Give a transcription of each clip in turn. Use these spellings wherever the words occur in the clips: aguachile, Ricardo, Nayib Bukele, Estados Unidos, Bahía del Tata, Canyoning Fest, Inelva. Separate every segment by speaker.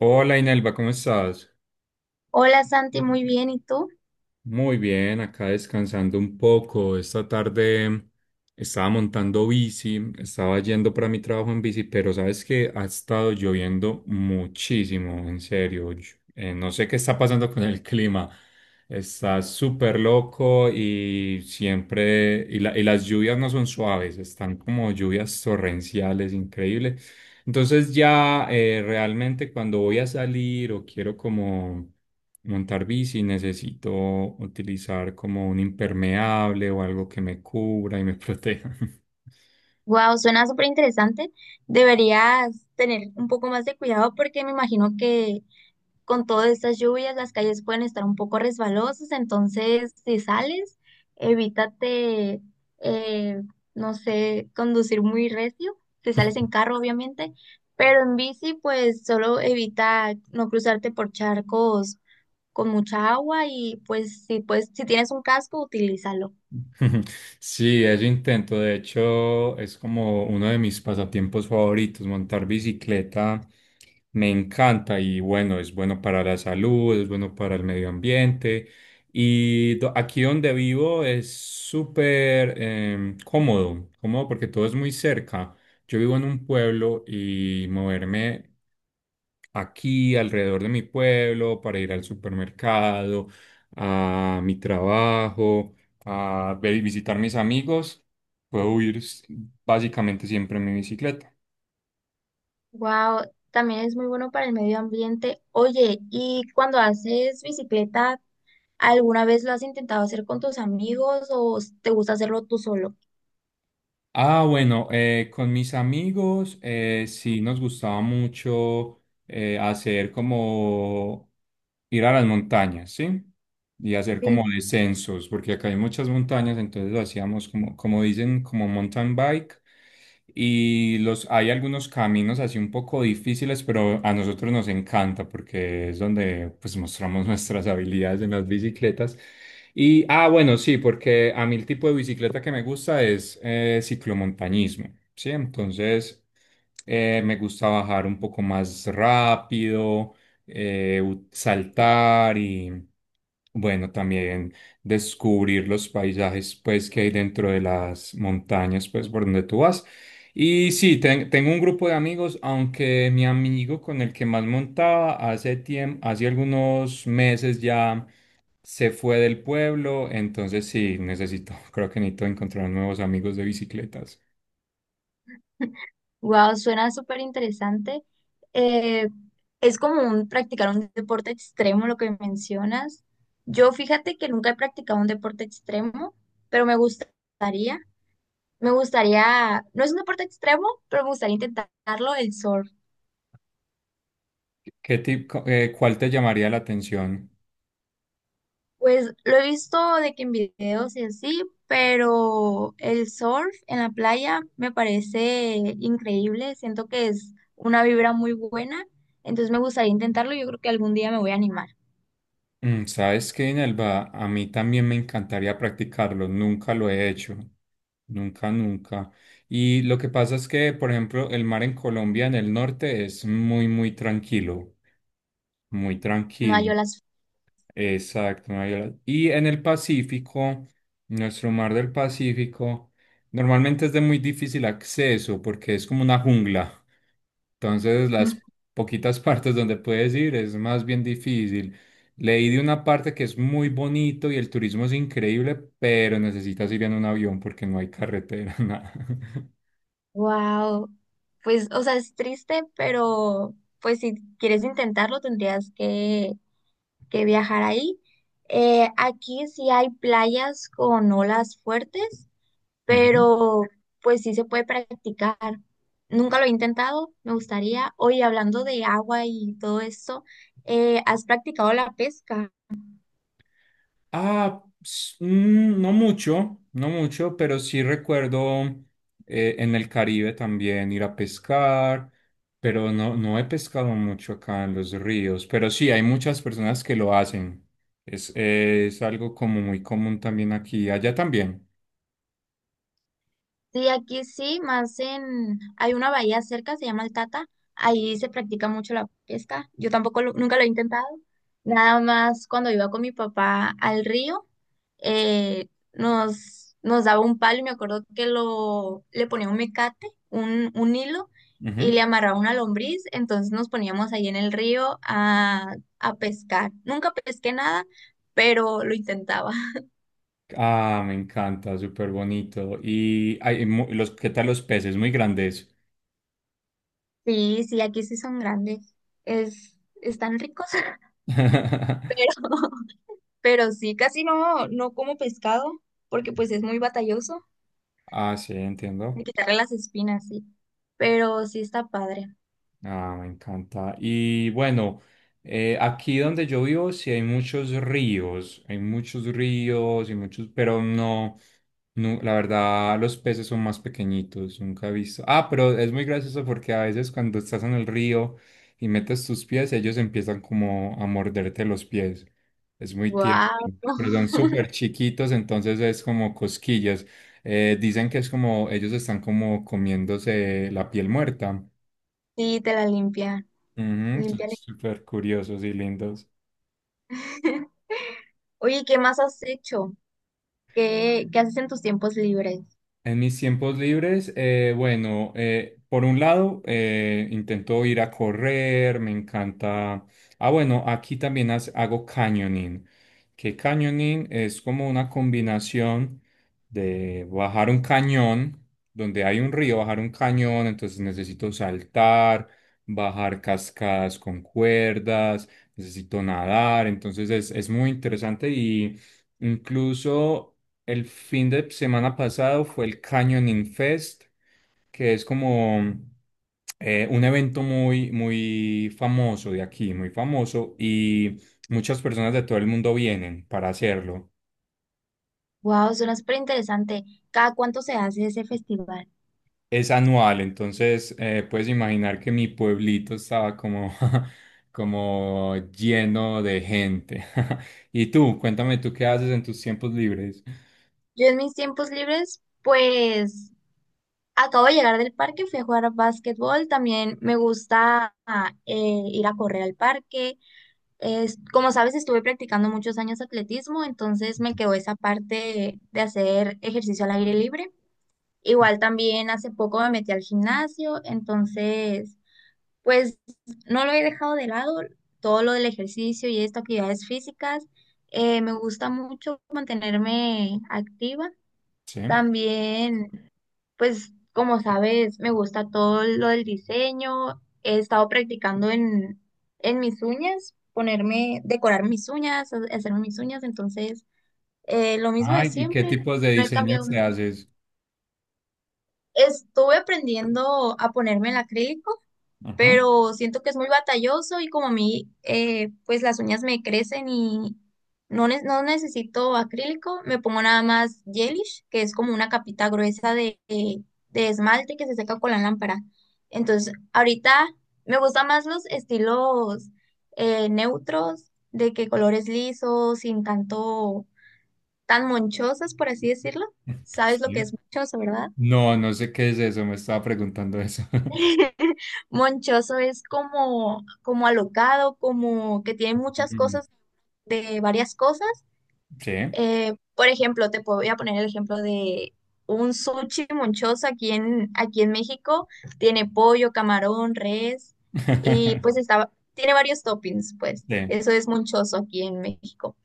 Speaker 1: Hola Inelva, ¿cómo estás?
Speaker 2: Hola Santi, muy bien, ¿y tú?
Speaker 1: Muy bien, acá descansando un poco. Esta tarde estaba montando bici, estaba yendo para mi trabajo en bici, pero sabes que ha estado lloviendo muchísimo, en serio. No sé qué está pasando con el clima. Está súper loco y siempre, y las lluvias no son suaves, están como lluvias torrenciales, increíble. Entonces realmente cuando voy a salir o quiero como montar bici, necesito utilizar como un impermeable o algo que me cubra y me proteja.
Speaker 2: Wow, suena súper interesante. Deberías tener un poco más de cuidado porque me imagino que con todas estas lluvias las calles pueden estar un poco resbalosas, entonces si sales, evítate, eh, no sé, conducir muy recio, si sales en carro obviamente, pero en bici pues solo evita no cruzarte por charcos con mucha agua y pues, si tienes un casco, utilízalo.
Speaker 1: Sí, eso intento. De hecho, es como uno de mis pasatiempos favoritos. Montar bicicleta me encanta y bueno, es bueno para la salud, es bueno para el medio ambiente. Aquí donde vivo es súper cómodo, cómodo porque todo es muy cerca. Yo vivo en un pueblo y moverme aquí alrededor de mi pueblo para ir al supermercado, a mi trabajo, visitar mis amigos, puedo ir s- básicamente siempre en mi bicicleta.
Speaker 2: Wow, también es muy bueno para el medio ambiente. Oye, ¿y cuando haces bicicleta, alguna vez lo has intentado hacer con tus amigos o te gusta hacerlo tú solo?
Speaker 1: Bueno, con mis amigos sí nos gustaba mucho hacer como ir a las montañas, ¿sí? Y hacer
Speaker 2: Sí.
Speaker 1: como descensos, porque acá hay muchas montañas, entonces lo hacíamos como, como dicen, como mountain bike. Hay algunos caminos así un poco difíciles, pero a nosotros nos encanta porque es donde pues mostramos nuestras habilidades en las bicicletas. Sí, porque a mí el tipo de bicicleta que me gusta es ciclomontañismo, ¿sí? Entonces, me gusta bajar un poco más rápido saltar y, bueno, también descubrir los paisajes, pues, que hay dentro de las montañas, pues, por donde tú vas. Y sí, tengo un grupo de amigos, aunque mi amigo con el que más montaba hace tiempo, hace algunos meses ya se fue del pueblo, entonces sí, necesito, creo que necesito encontrar nuevos amigos de bicicletas.
Speaker 2: Wow, suena súper interesante. Eh, es como un, practicar un deporte extremo, lo que mencionas. Yo fíjate que nunca he practicado un deporte extremo, pero me gustaría, no es un deporte extremo, pero me gustaría intentarlo, el surf.
Speaker 1: ¿Qué tipo, cuál te llamaría la atención?
Speaker 2: Pues lo he visto de que en videos y así, pero el surf en la playa me parece increíble. Siento que es una vibra muy buena, entonces me gustaría intentarlo. Yo creo que algún día me voy a animar.
Speaker 1: Mm, ¿sabes qué, Inelva? A mí también me encantaría practicarlo, nunca lo he hecho, nunca, nunca. Y lo que pasa es que, por ejemplo, el mar en Colombia, en el norte, es muy, muy
Speaker 2: No
Speaker 1: tranquilo,
Speaker 2: yo las.
Speaker 1: exacto. no hay- Y en el Pacífico, nuestro mar del Pacífico, normalmente es de muy difícil acceso porque es como una jungla. Entonces, las poquitas partes donde puedes ir es más bien difícil. Leí de una parte que es muy bonito y el turismo es increíble, pero necesitas ir en un avión porque no hay carretera, nada.
Speaker 2: Wow. Pues, o sea, es triste, pero pues si quieres intentarlo tendrías que viajar ahí. Aquí sí hay playas con olas fuertes
Speaker 1: Ujú.
Speaker 2: pero pues sí se puede practicar. Nunca lo he intentado, me gustaría. Oye, hablando de agua y todo esto, ¿has practicado la pesca?
Speaker 1: No mucho, no mucho, pero sí recuerdo en el Caribe también ir a pescar, pero no, no he pescado mucho acá en los ríos, pero sí hay muchas personas que lo hacen. Es algo como muy común también aquí, allá también.
Speaker 2: Sí, aquí sí, más en... Hay una bahía cerca, se llama El Tata, ahí se practica mucho la pesca. Yo tampoco nunca lo he intentado, nada más cuando iba con mi papá al río. Nos daba un palo y me acuerdo que le ponía un mecate, un hilo, y
Speaker 1: Ujú.
Speaker 2: le amarraba una lombriz, entonces nos poníamos ahí en el río a pescar. Nunca pesqué nada, pero lo intentaba.
Speaker 1: Ah, me encanta, súper bonito. ¿Qué tal los peces? Muy grandes.
Speaker 2: Sí, sí, aquí sí son grandes. Es, están ricos, pero, pero sí, casi no, no como pescado, porque pues es muy batalloso
Speaker 1: Ah, sí,
Speaker 2: de
Speaker 1: entiendo.
Speaker 2: quitarle las espinas, sí. Pero sí está padre.
Speaker 1: Ah, me encanta. Y bueno, aquí donde yo vivo sí hay muchos ríos y muchos, pero no, no, la verdad los peces son más pequeñitos, nunca he visto. Ah, pero es muy gracioso porque a veces cuando estás en el río y metes tus pies, ellos empiezan como a morderte los pies. Es muy tierno,
Speaker 2: Wow.
Speaker 1: pero son súper chiquitos, entonces es como cosquillas. Dicen que es como ellos están como comiéndose la piel muerta.
Speaker 2: Sí, te la limpia.
Speaker 1: Ujú, son
Speaker 2: Limpiar.
Speaker 1: súper curiosos y lindos.
Speaker 2: Oye, ¿qué más has hecho? ¿Qué haces en tus tiempos libres?
Speaker 1: En mis tiempos libres, por un lado, intento ir a correr, me encanta. Bueno, Aquí también hago canyoning, que canyoning es como una combinación de bajar un cañón, donde hay un río, bajar un cañón, entonces necesito saltar, bajar cascadas con cuerdas, necesito nadar, entonces es muy interesante y incluso... El fin de semana pasado fue el Canyoning Fest, que es como un evento muy, muy famoso de aquí, muy famoso, y muchas personas de todo el mundo vienen para hacerlo.
Speaker 2: Wow, suena súper interesante. ¿Cada cuánto se hace ese festival?
Speaker 1: Es anual, entonces puedes imaginar que mi pueblito estaba como, como lleno de gente. Y tú, cuéntame tú qué haces en tus tiempos libres.
Speaker 2: Yo en mis tiempos libres, pues acabo de llegar del parque, fui a jugar a básquetbol. También me gusta ir a correr al parque. Como sabes, estuve practicando muchos años atletismo, entonces me quedó esa parte de hacer ejercicio al aire libre. Igual también hace poco me metí al gimnasio, entonces pues no lo he dejado de lado. Todo lo del ejercicio y estas actividades físicas, me gusta mucho mantenerme activa.
Speaker 1: Sí.
Speaker 2: También, pues como sabes, me gusta todo lo del diseño. He estado practicando en mis uñas, ponerme, decorar mis uñas, hacerme mis uñas. Entonces, lo mismo de
Speaker 1: Ay, ¿y qué
Speaker 2: siempre,
Speaker 1: tipos de
Speaker 2: no he cambiado
Speaker 1: diseños te
Speaker 2: mucho.
Speaker 1: haces?
Speaker 2: Estuve aprendiendo a ponerme el acrílico pero siento que es muy batalloso y como a mí, pues las uñas me crecen y no necesito acrílico, me pongo nada más gelish, que es como una capita gruesa de esmalte que se seca con la lámpara. Entonces, ahorita me gustan más los estilos neutros, de que colores lisos, sin tanto, tan monchosos, por así decirlo. ¿Sabes lo
Speaker 1: Sí.
Speaker 2: que es monchoso, verdad?
Speaker 1: No, no sé qué es eso, me estaba preguntando eso.
Speaker 2: Monchoso es como, como alocado, como que tiene muchas
Speaker 1: Mm,
Speaker 2: cosas de varias cosas.
Speaker 1: sí.
Speaker 2: Por ejemplo, voy a poner el ejemplo de un sushi monchoso aquí en México. Tiene pollo, camarón, res y pues está, tiene varios toppings, pues.
Speaker 1: Sí.
Speaker 2: Eso es monchoso aquí en México.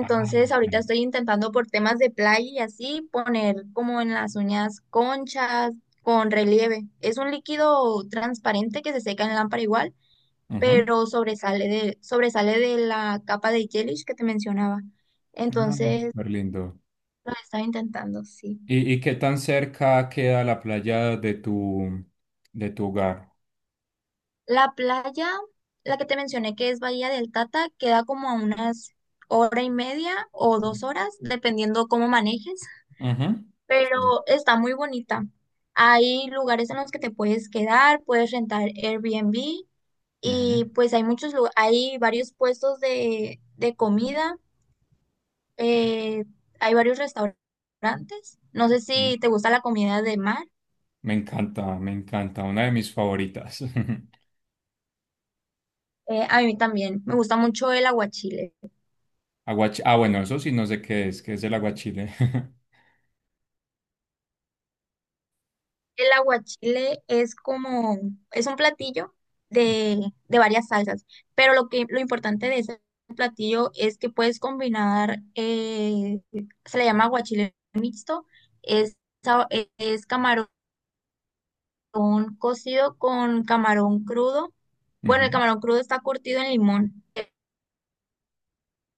Speaker 1: Ah,
Speaker 2: ahorita
Speaker 1: sí.
Speaker 2: estoy intentando por temas de playa y así poner como en las uñas conchas con relieve. Es un líquido transparente que se seca en lámpara igual,
Speaker 1: Ujú.
Speaker 2: pero sobresale de la capa de gelish que te mencionaba.
Speaker 1: Ah,
Speaker 2: Entonces,
Speaker 1: súper lindo.
Speaker 2: lo estaba intentando, sí.
Speaker 1: Y qué tan cerca queda la playa de tu hogar?
Speaker 2: La playa, la que te mencioné que es Bahía del Tata, queda como a unas hora y media o dos horas, dependiendo cómo manejes.
Speaker 1: Ujú.
Speaker 2: Pero
Speaker 1: Sí.
Speaker 2: está muy bonita. Hay lugares en los que te puedes quedar, puedes rentar Airbnb y
Speaker 1: Ujú.
Speaker 2: pues hay hay varios puestos de comida, eh, hay varios restaurantes. No sé
Speaker 1: Sí.
Speaker 2: si te gusta la comida de mar.
Speaker 1: Me encanta, me encanta. Una de mis favoritas.
Speaker 2: A mí también, me gusta mucho el aguachile.
Speaker 1: Eso sí no sé qué es el aguachile.
Speaker 2: El aguachile es como, es un platillo de, de varias salsas, pero lo importante de ese platillo es que puedes combinar, se le llama aguachile mixto, es, sa- es camarón cocido con camarón crudo. Bueno, el
Speaker 1: Ujú.
Speaker 2: camarón crudo está curtido en limón,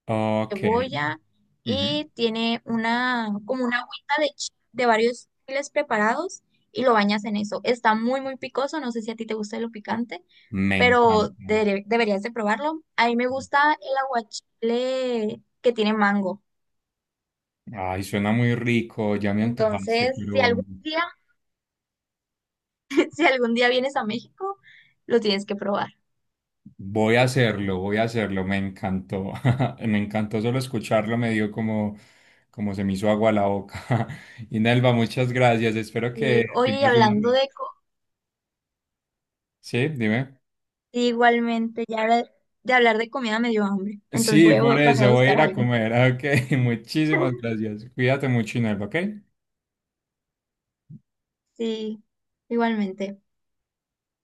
Speaker 1: Ok.
Speaker 2: cebolla
Speaker 1: Ujú.
Speaker 2: y tiene una, como una agüita de varios chiles preparados y lo bañas en eso. Está muy, muy picoso, no sé si a ti te gusta lo picante,
Speaker 1: Me
Speaker 2: pero
Speaker 1: encanta.
Speaker 2: deberías de probarlo. A mí me gusta el aguachile que tiene mango.
Speaker 1: Ay, suena muy rico, ya me antojaste,
Speaker 2: Entonces, si
Speaker 1: pero
Speaker 2: algún día, si algún día vienes a México, lo tienes que probar.
Speaker 1: voy a hacerlo, me encantó, me encantó solo escucharlo, me dio como, como se me hizo agua a la boca. Y Nelva, muchas gracias, espero
Speaker 2: Y
Speaker 1: que
Speaker 2: oye, y
Speaker 1: tengas una... Sí, dime.
Speaker 2: igualmente, de hablar de comida me dio hambre, entonces
Speaker 1: Sí,
Speaker 2: voy a
Speaker 1: por
Speaker 2: bajar
Speaker 1: eso,
Speaker 2: a
Speaker 1: voy a
Speaker 2: buscar
Speaker 1: ir a
Speaker 2: algo.
Speaker 1: comer, ok, muchísimas gracias, cuídate mucho, Inelva, ok.
Speaker 2: Sí, igualmente.